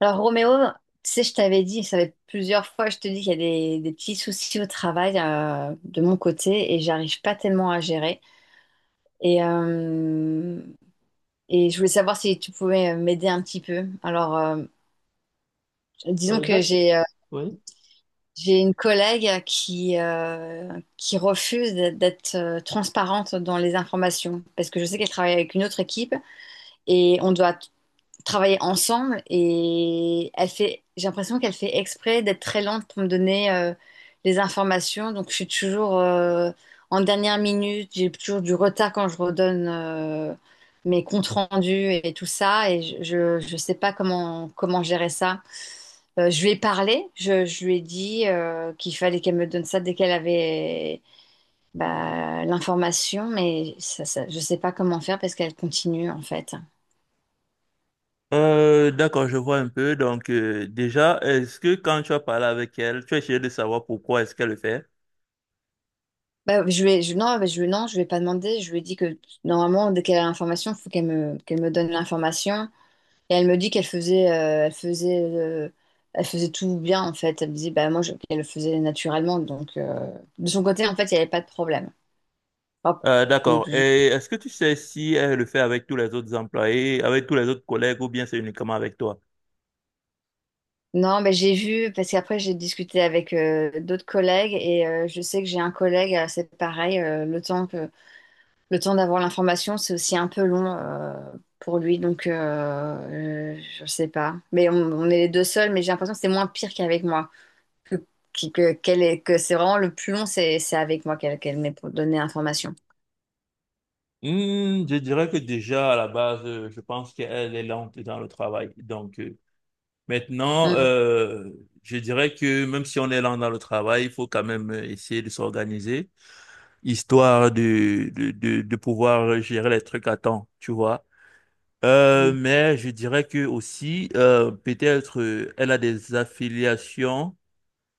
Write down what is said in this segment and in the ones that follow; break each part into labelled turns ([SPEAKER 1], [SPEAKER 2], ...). [SPEAKER 1] Alors Roméo, tu sais, je t'avais dit, ça fait plusieurs fois, je te dis qu'il y a des petits soucis au travail de mon côté et j'arrive pas tellement à gérer. Et, euh, et je voulais savoir si tu pouvais m'aider un petit peu. Disons
[SPEAKER 2] Euh,
[SPEAKER 1] que
[SPEAKER 2] d'accord.
[SPEAKER 1] j'ai euh,
[SPEAKER 2] Oui.
[SPEAKER 1] j'ai une collègue qui refuse d'être transparente dans les informations parce que je sais qu'elle travaille avec une autre équipe et on doit travailler ensemble et elle fait, j'ai l'impression qu'elle fait exprès d'être très lente pour me donner les informations. Donc je suis toujours en dernière minute, j'ai toujours du retard quand je redonne mes comptes rendus et tout ça et je sais pas comment gérer ça. Je lui ai parlé, je lui ai dit qu'il fallait qu'elle me donne ça dès qu'elle avait l'information, mais ça, je sais pas comment faire parce qu'elle continue en fait.
[SPEAKER 2] D'accord, je vois un peu. Donc, déjà, est-ce que quand tu as parlé avec elle, tu as essayé de savoir pourquoi est-ce qu'elle le fait?
[SPEAKER 1] Bah, je vais, je, non, bah, je, lui- non, je vais pas demander. Je lui ai dit que normalement, dès qu'elle a l'information, il faut qu'elle me donne l'information. Et elle me dit qu'elle faisait, elle faisait, elle faisait tout bien en fait. Elle me disait, bah moi, qu'elle le faisait naturellement. Donc, de son côté, en fait, il n'y avait pas de problème. Hop.
[SPEAKER 2] Euh,
[SPEAKER 1] Donc,
[SPEAKER 2] d'accord.
[SPEAKER 1] je-
[SPEAKER 2] Et est-ce que tu sais si elle le fait avec tous les autres employés, avec tous les autres collègues, ou bien c'est uniquement avec toi?
[SPEAKER 1] Non, mais j'ai vu parce qu'après j'ai discuté avec d'autres collègues et je sais que j'ai un collègue, c'est pareil. Le temps d'avoir l'information, c'est aussi un peu long pour lui, donc je sais pas. Mais on est les deux seuls, mais j'ai l'impression que c'est moins pire qu'avec moi. Que, qui- que, qu'elle est- que C'est vraiment le plus long, c'est avec moi qu'elle m'est pour donner l'information.
[SPEAKER 2] Hmm, je dirais que déjà, à la base, je pense qu'elle est lente dans le travail. Donc, maintenant,
[SPEAKER 1] Hum.
[SPEAKER 2] euh, je dirais que même si on est lent dans le travail, il faut quand même essayer de s'organiser, histoire de pouvoir gérer les trucs à temps, tu vois. Mais je dirais que aussi, peut-être, elle a des affiliations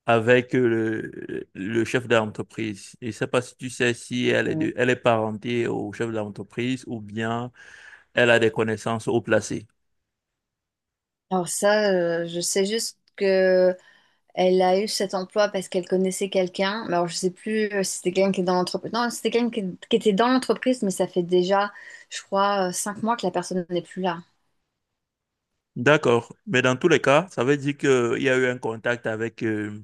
[SPEAKER 2] avec le chef d'entreprise. Et je sais pas si tu sais si elle est,
[SPEAKER 1] Hum.
[SPEAKER 2] elle est parentée au chef d'entreprise ou bien elle a des connaissances haut placées.
[SPEAKER 1] Alors ça, je sais juste que elle a eu cet emploi parce qu'elle connaissait quelqu'un. Mais alors je sais plus si c'était quelqu'un qui est dans l'entreprise. Non, si c'était quelqu'un qui était dans l'entreprise, mais ça fait déjà, je crois, 5 mois que la personne n'est plus là.
[SPEAKER 2] D'accord. Mais dans tous les cas, ça veut dire qu'il y a eu un contact avec euh,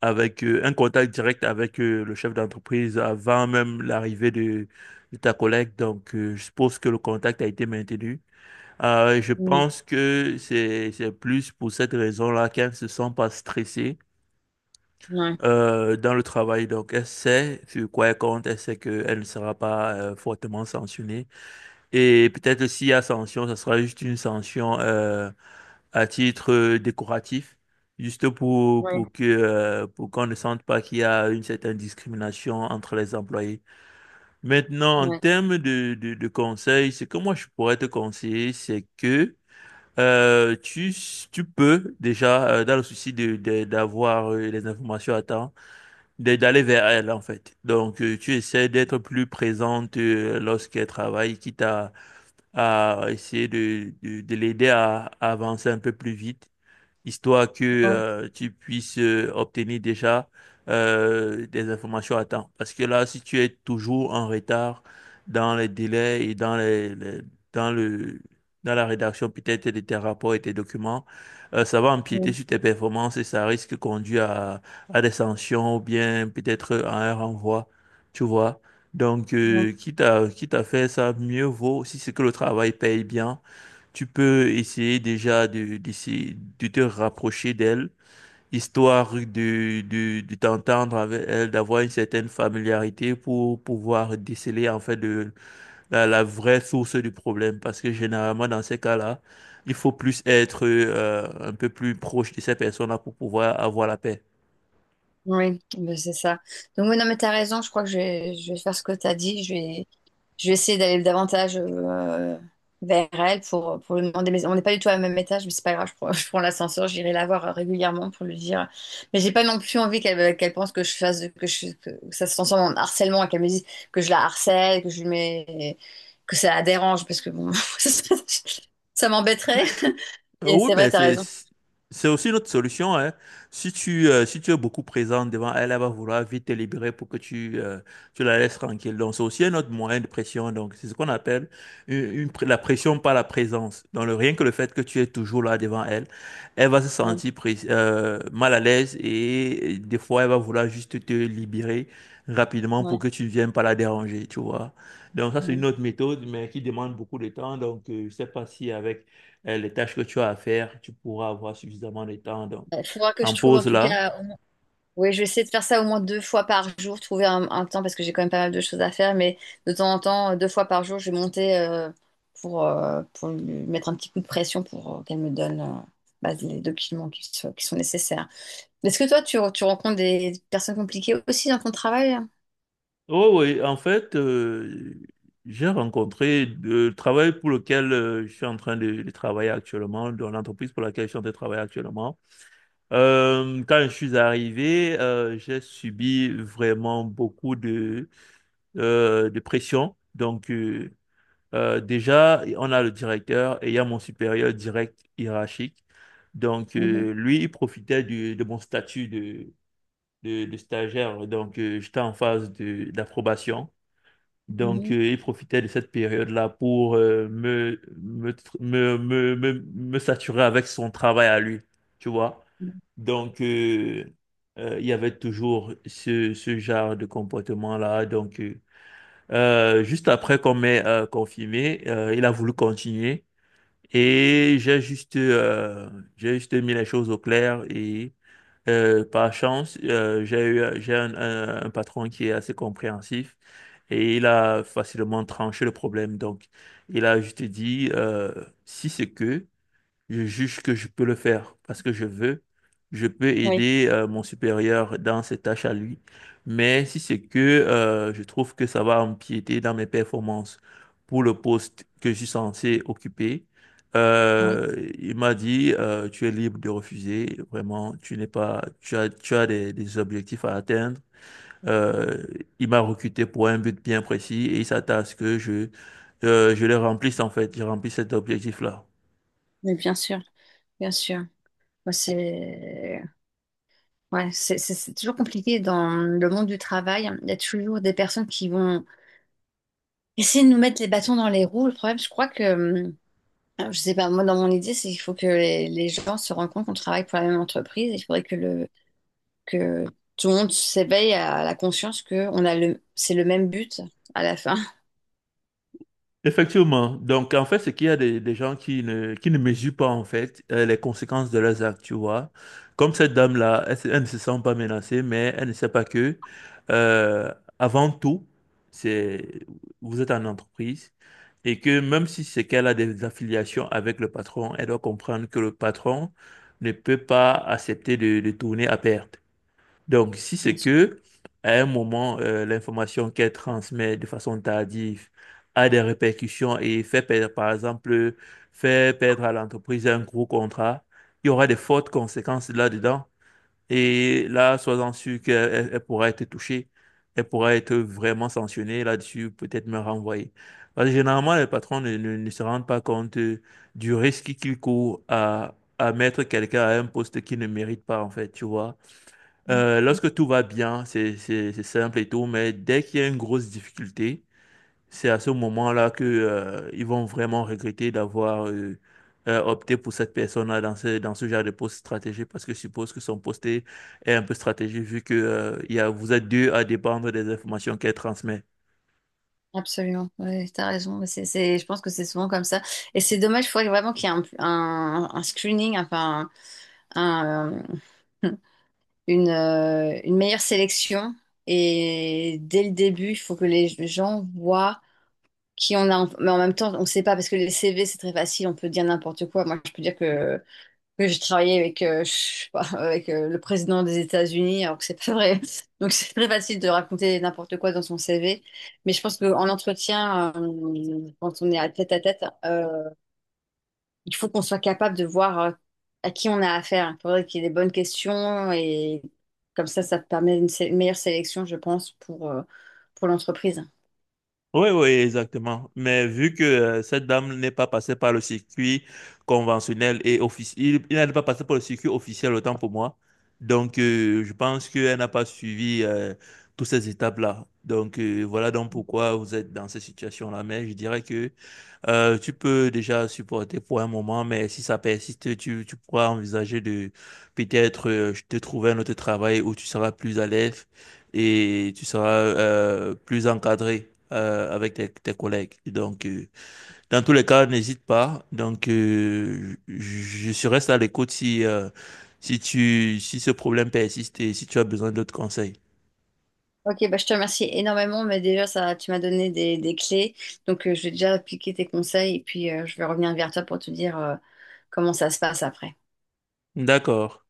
[SPEAKER 2] avec euh, un contact direct avec le chef d'entreprise avant même l'arrivée de ta collègue. Donc, je suppose que le contact a été maintenu. Je
[SPEAKER 1] Hum.
[SPEAKER 2] pense que c'est plus pour cette raison-là qu'elle ne se sent pas stressée
[SPEAKER 1] Ouais.
[SPEAKER 2] dans le travail. Donc, elle sait sur quoi elle compte, elle sait qu'elle ne sera pas fortement sanctionnée. Et peut-être s'il y a sanction, ce sera juste une sanction à titre décoratif, juste
[SPEAKER 1] Ouais.
[SPEAKER 2] pour que pour qu'on ne sente pas qu'il y a une certaine discrimination entre les employés. Maintenant, en
[SPEAKER 1] Ouais.
[SPEAKER 2] termes de conseils, ce que moi je pourrais te conseiller, c'est que euh, tu, tu peux déjà, dans le souci de d'avoir les informations à temps, d'aller vers elle en fait. Donc, tu essaies d'être plus présente lorsqu'elle travaille, quitte à essayer de l'aider à avancer un peu plus vite, histoire que
[SPEAKER 1] Ouais,
[SPEAKER 2] euh, tu puisses obtenir déjà des informations à temps. Parce que là, si tu es toujours en retard dans les délais et dans dans le dans la rédaction peut-être de tes rapports et tes documents, ça va
[SPEAKER 1] ouais,
[SPEAKER 2] empiéter sur tes performances et ça risque de conduire à des sanctions ou bien peut-être à un renvoi, tu vois. Donc,
[SPEAKER 1] ouais,
[SPEAKER 2] quitte à faire ça, mieux vaut, si c'est que le travail paye bien, tu peux essayer déjà d'essayer de te rapprocher d'elle, histoire de t'entendre avec elle, d'avoir une certaine familiarité pour pouvoir déceler en fait la vraie source du problème. Parce que généralement, dans ces cas-là, il faut plus être un peu plus proche de ces personnes-là pour pouvoir avoir la paix.
[SPEAKER 1] ouais, ben, c'est ça. Donc, oui, non, mais t'as raison, je crois que je vais faire ce que t'as dit. Je vais essayer d'aller davantage vers elle pour lui demander. Mais on n'est pas du tout à même étage, mais c'est pas grave, je prends l'ascenseur, j'irai la voir régulièrement pour lui dire. Mais j'ai pas non plus envie qu'elle qu'elle pense que je fasse, que ça se transforme en harcèlement et qu'elle me dise que je la harcèle, que je lui mets, que ça la dérange, parce que bon, ça m'embêterait.
[SPEAKER 2] Mais
[SPEAKER 1] Et
[SPEAKER 2] oui,
[SPEAKER 1] c'est
[SPEAKER 2] mais
[SPEAKER 1] vrai, t'as
[SPEAKER 2] c'est
[SPEAKER 1] raison.
[SPEAKER 2] c'est aussi une autre solution, hein. Si si tu es beaucoup présent devant elle, elle va vouloir vite te libérer pour que tu la laisses tranquille. Donc, c'est aussi un autre moyen de pression. Donc, c'est ce qu'on appelle la pression par la présence. Donc, rien que le fait que tu es toujours là devant elle, elle va se
[SPEAKER 1] Ouais,
[SPEAKER 2] sentir mal à l'aise et des fois, elle va vouloir juste te libérer rapidement pour
[SPEAKER 1] ouais,
[SPEAKER 2] que tu ne viennes pas la déranger, tu vois. Donc, ça, c'est
[SPEAKER 1] ouais.
[SPEAKER 2] une autre méthode, mais qui demande beaucoup de temps. Donc, je sais pas si avec les tâches que tu as à faire, tu pourras avoir suffisamment de temps donc,
[SPEAKER 1] Il faudra que je
[SPEAKER 2] en
[SPEAKER 1] trouve en
[SPEAKER 2] pause
[SPEAKER 1] tout
[SPEAKER 2] là.
[SPEAKER 1] cas. Oui, je vais essayer de faire ça au moins 2 fois par jour, trouver un temps parce que j'ai quand même pas mal de choses à faire, mais de temps en temps, 2 fois par jour, je vais monter pour lui mettre un petit coup de pression pour qu'elle me donne les documents qui sont nécessaires. Est-ce que toi, tu rencontres des personnes compliquées aussi dans ton travail?
[SPEAKER 2] Oh oui, en fait, j'ai rencontré le travail pour lequel je suis en train de travailler actuellement, dans l'entreprise pour laquelle je suis en train de travailler actuellement. Quand je suis arrivé, j'ai subi vraiment beaucoup de pression. Donc, déjà, on a le directeur et il y a mon supérieur direct hiérarchique. Donc,
[SPEAKER 1] Mhm,
[SPEAKER 2] lui, il profitait de mon statut de, de stagiaire. Donc, j'étais en phase de, d'approbation. Donc,
[SPEAKER 1] mhm.
[SPEAKER 2] il profitait de cette période-là pour me, me, tr- me saturer avec son travail à lui, tu vois. Donc, il y avait toujours ce genre de comportement-là. Donc, juste après qu'on m'ait confirmé, il a voulu continuer. Et j'ai juste mis les choses au clair et par chance, j'ai un patron qui est assez compréhensif et il a facilement tranché le problème. Donc, il a juste dit, si c'est que... Je juge que je peux le faire parce que je veux. Je peux
[SPEAKER 1] Oui,
[SPEAKER 2] aider mon supérieur dans ses tâches à lui. Mais si c'est que je trouve que ça va empiéter dans mes performances pour le poste que je suis censé occuper,
[SPEAKER 1] oui.
[SPEAKER 2] il m'a dit tu es libre de refuser. Vraiment, tu n'es pas, tu as des objectifs à atteindre. Euh, il m'a recruté pour un but bien précis et il s'attend à ce que je le remplisse en fait. Je remplisse cet objectif-là.
[SPEAKER 1] Mais bien sûr, bien sûr. Moi, c'est ouais, c'est toujours compliqué dans le monde du travail. Il y a toujours des personnes qui vont essayer de nous mettre les bâtons dans les roues. Le problème, je crois que, alors, je sais pas, moi, dans mon idée, c'est qu'il faut que les gens se rendent compte qu'on travaille pour la même entreprise. Il faudrait que tout le monde s'éveille à la conscience que c'est le même but à la fin.
[SPEAKER 2] Effectivement. Donc, en fait, c'est qu'il y a des gens qui ne mesurent pas, en fait, les conséquences de leurs actes, tu vois. Comme cette dame-là, elle ne se sent pas menacée, mais elle ne sait pas que, euh, avant tout, c'est, vous êtes en entreprise et que même si c'est qu'elle a des affiliations avec le patron, elle doit comprendre que le patron ne peut pas accepter de tourner à perte. Donc, si
[SPEAKER 1] Bien
[SPEAKER 2] c'est
[SPEAKER 1] sûr.
[SPEAKER 2] que à un moment, l'information qu'elle transmet de façon tardive a des répercussions et fait perdre, par exemple, fait perdre à l'entreprise un gros contrat, il y aura des fortes conséquences là-dedans. Et là, sois-en sûr elle pourra être touchée. Elle pourra être vraiment sanctionnée là-dessus, peut-être me renvoyer. Parce que généralement, les patrons ne se rendent pas compte du risque qu'ils courent à mettre quelqu'un à un poste qu'il ne mérite pas, en fait, tu vois. Lorsque tout va bien, c'est simple et tout, mais dès qu'il y a une grosse difficulté, c'est à ce moment-là que ils vont vraiment regretter d'avoir opté pour cette personne-là dans dans ce genre de poste stratégique, parce que je suppose que son poste est un peu stratégique, vu que vous êtes deux à dépendre des informations qu'elle transmet.
[SPEAKER 1] Absolument, ouais, t'as raison. Mais je pense que c'est souvent comme ça. Et c'est dommage, il faudrait vraiment qu'il y ait un screening, enfin, un, un- une meilleure sélection. Et dès le début, il faut que les gens voient qui on a, mais en même temps, on ne sait pas parce que les CV, c'est très facile, on peut dire n'importe quoi. Moi, je peux dire que j'ai travaillé avec, je sais pas, avec le président des États-Unis, alors que c'est pas vrai. Donc, c'est très facile de raconter n'importe quoi dans son CV. Mais je pense qu'en entretien, quand on est à tête, il faut qu'on soit capable de voir à qui on a affaire. Il faudrait qu'il y ait des bonnes questions et comme ça permet une meilleure sélection, je pense, pour l'entreprise.
[SPEAKER 2] Oui, oui, exactement. Mais vu que cette dame n'est pas passée par le circuit conventionnel et officiel, n'est pas passée par le circuit officiel, autant pour moi. Donc, je pense qu'elle n'a pas suivi toutes ces étapes-là. Donc, voilà donc pourquoi vous êtes dans cette situation-là. Mais je dirais que tu peux déjà supporter pour un moment, mais si ça persiste, tu pourras envisager de peut-être te trouver un autre travail où tu seras plus à l'aise et tu seras plus encadré avec tes collègues. Donc, dans tous les cas, n'hésite pas. Donc, je reste à l'écoute si, si ce problème persiste et si tu as besoin d'autres conseils.
[SPEAKER 1] Ok, bah, je te remercie énormément, mais déjà ça, tu m'as donné des clés, donc je vais déjà appliquer tes conseils et puis je vais revenir vers toi pour te dire comment ça se passe après.
[SPEAKER 2] D'accord.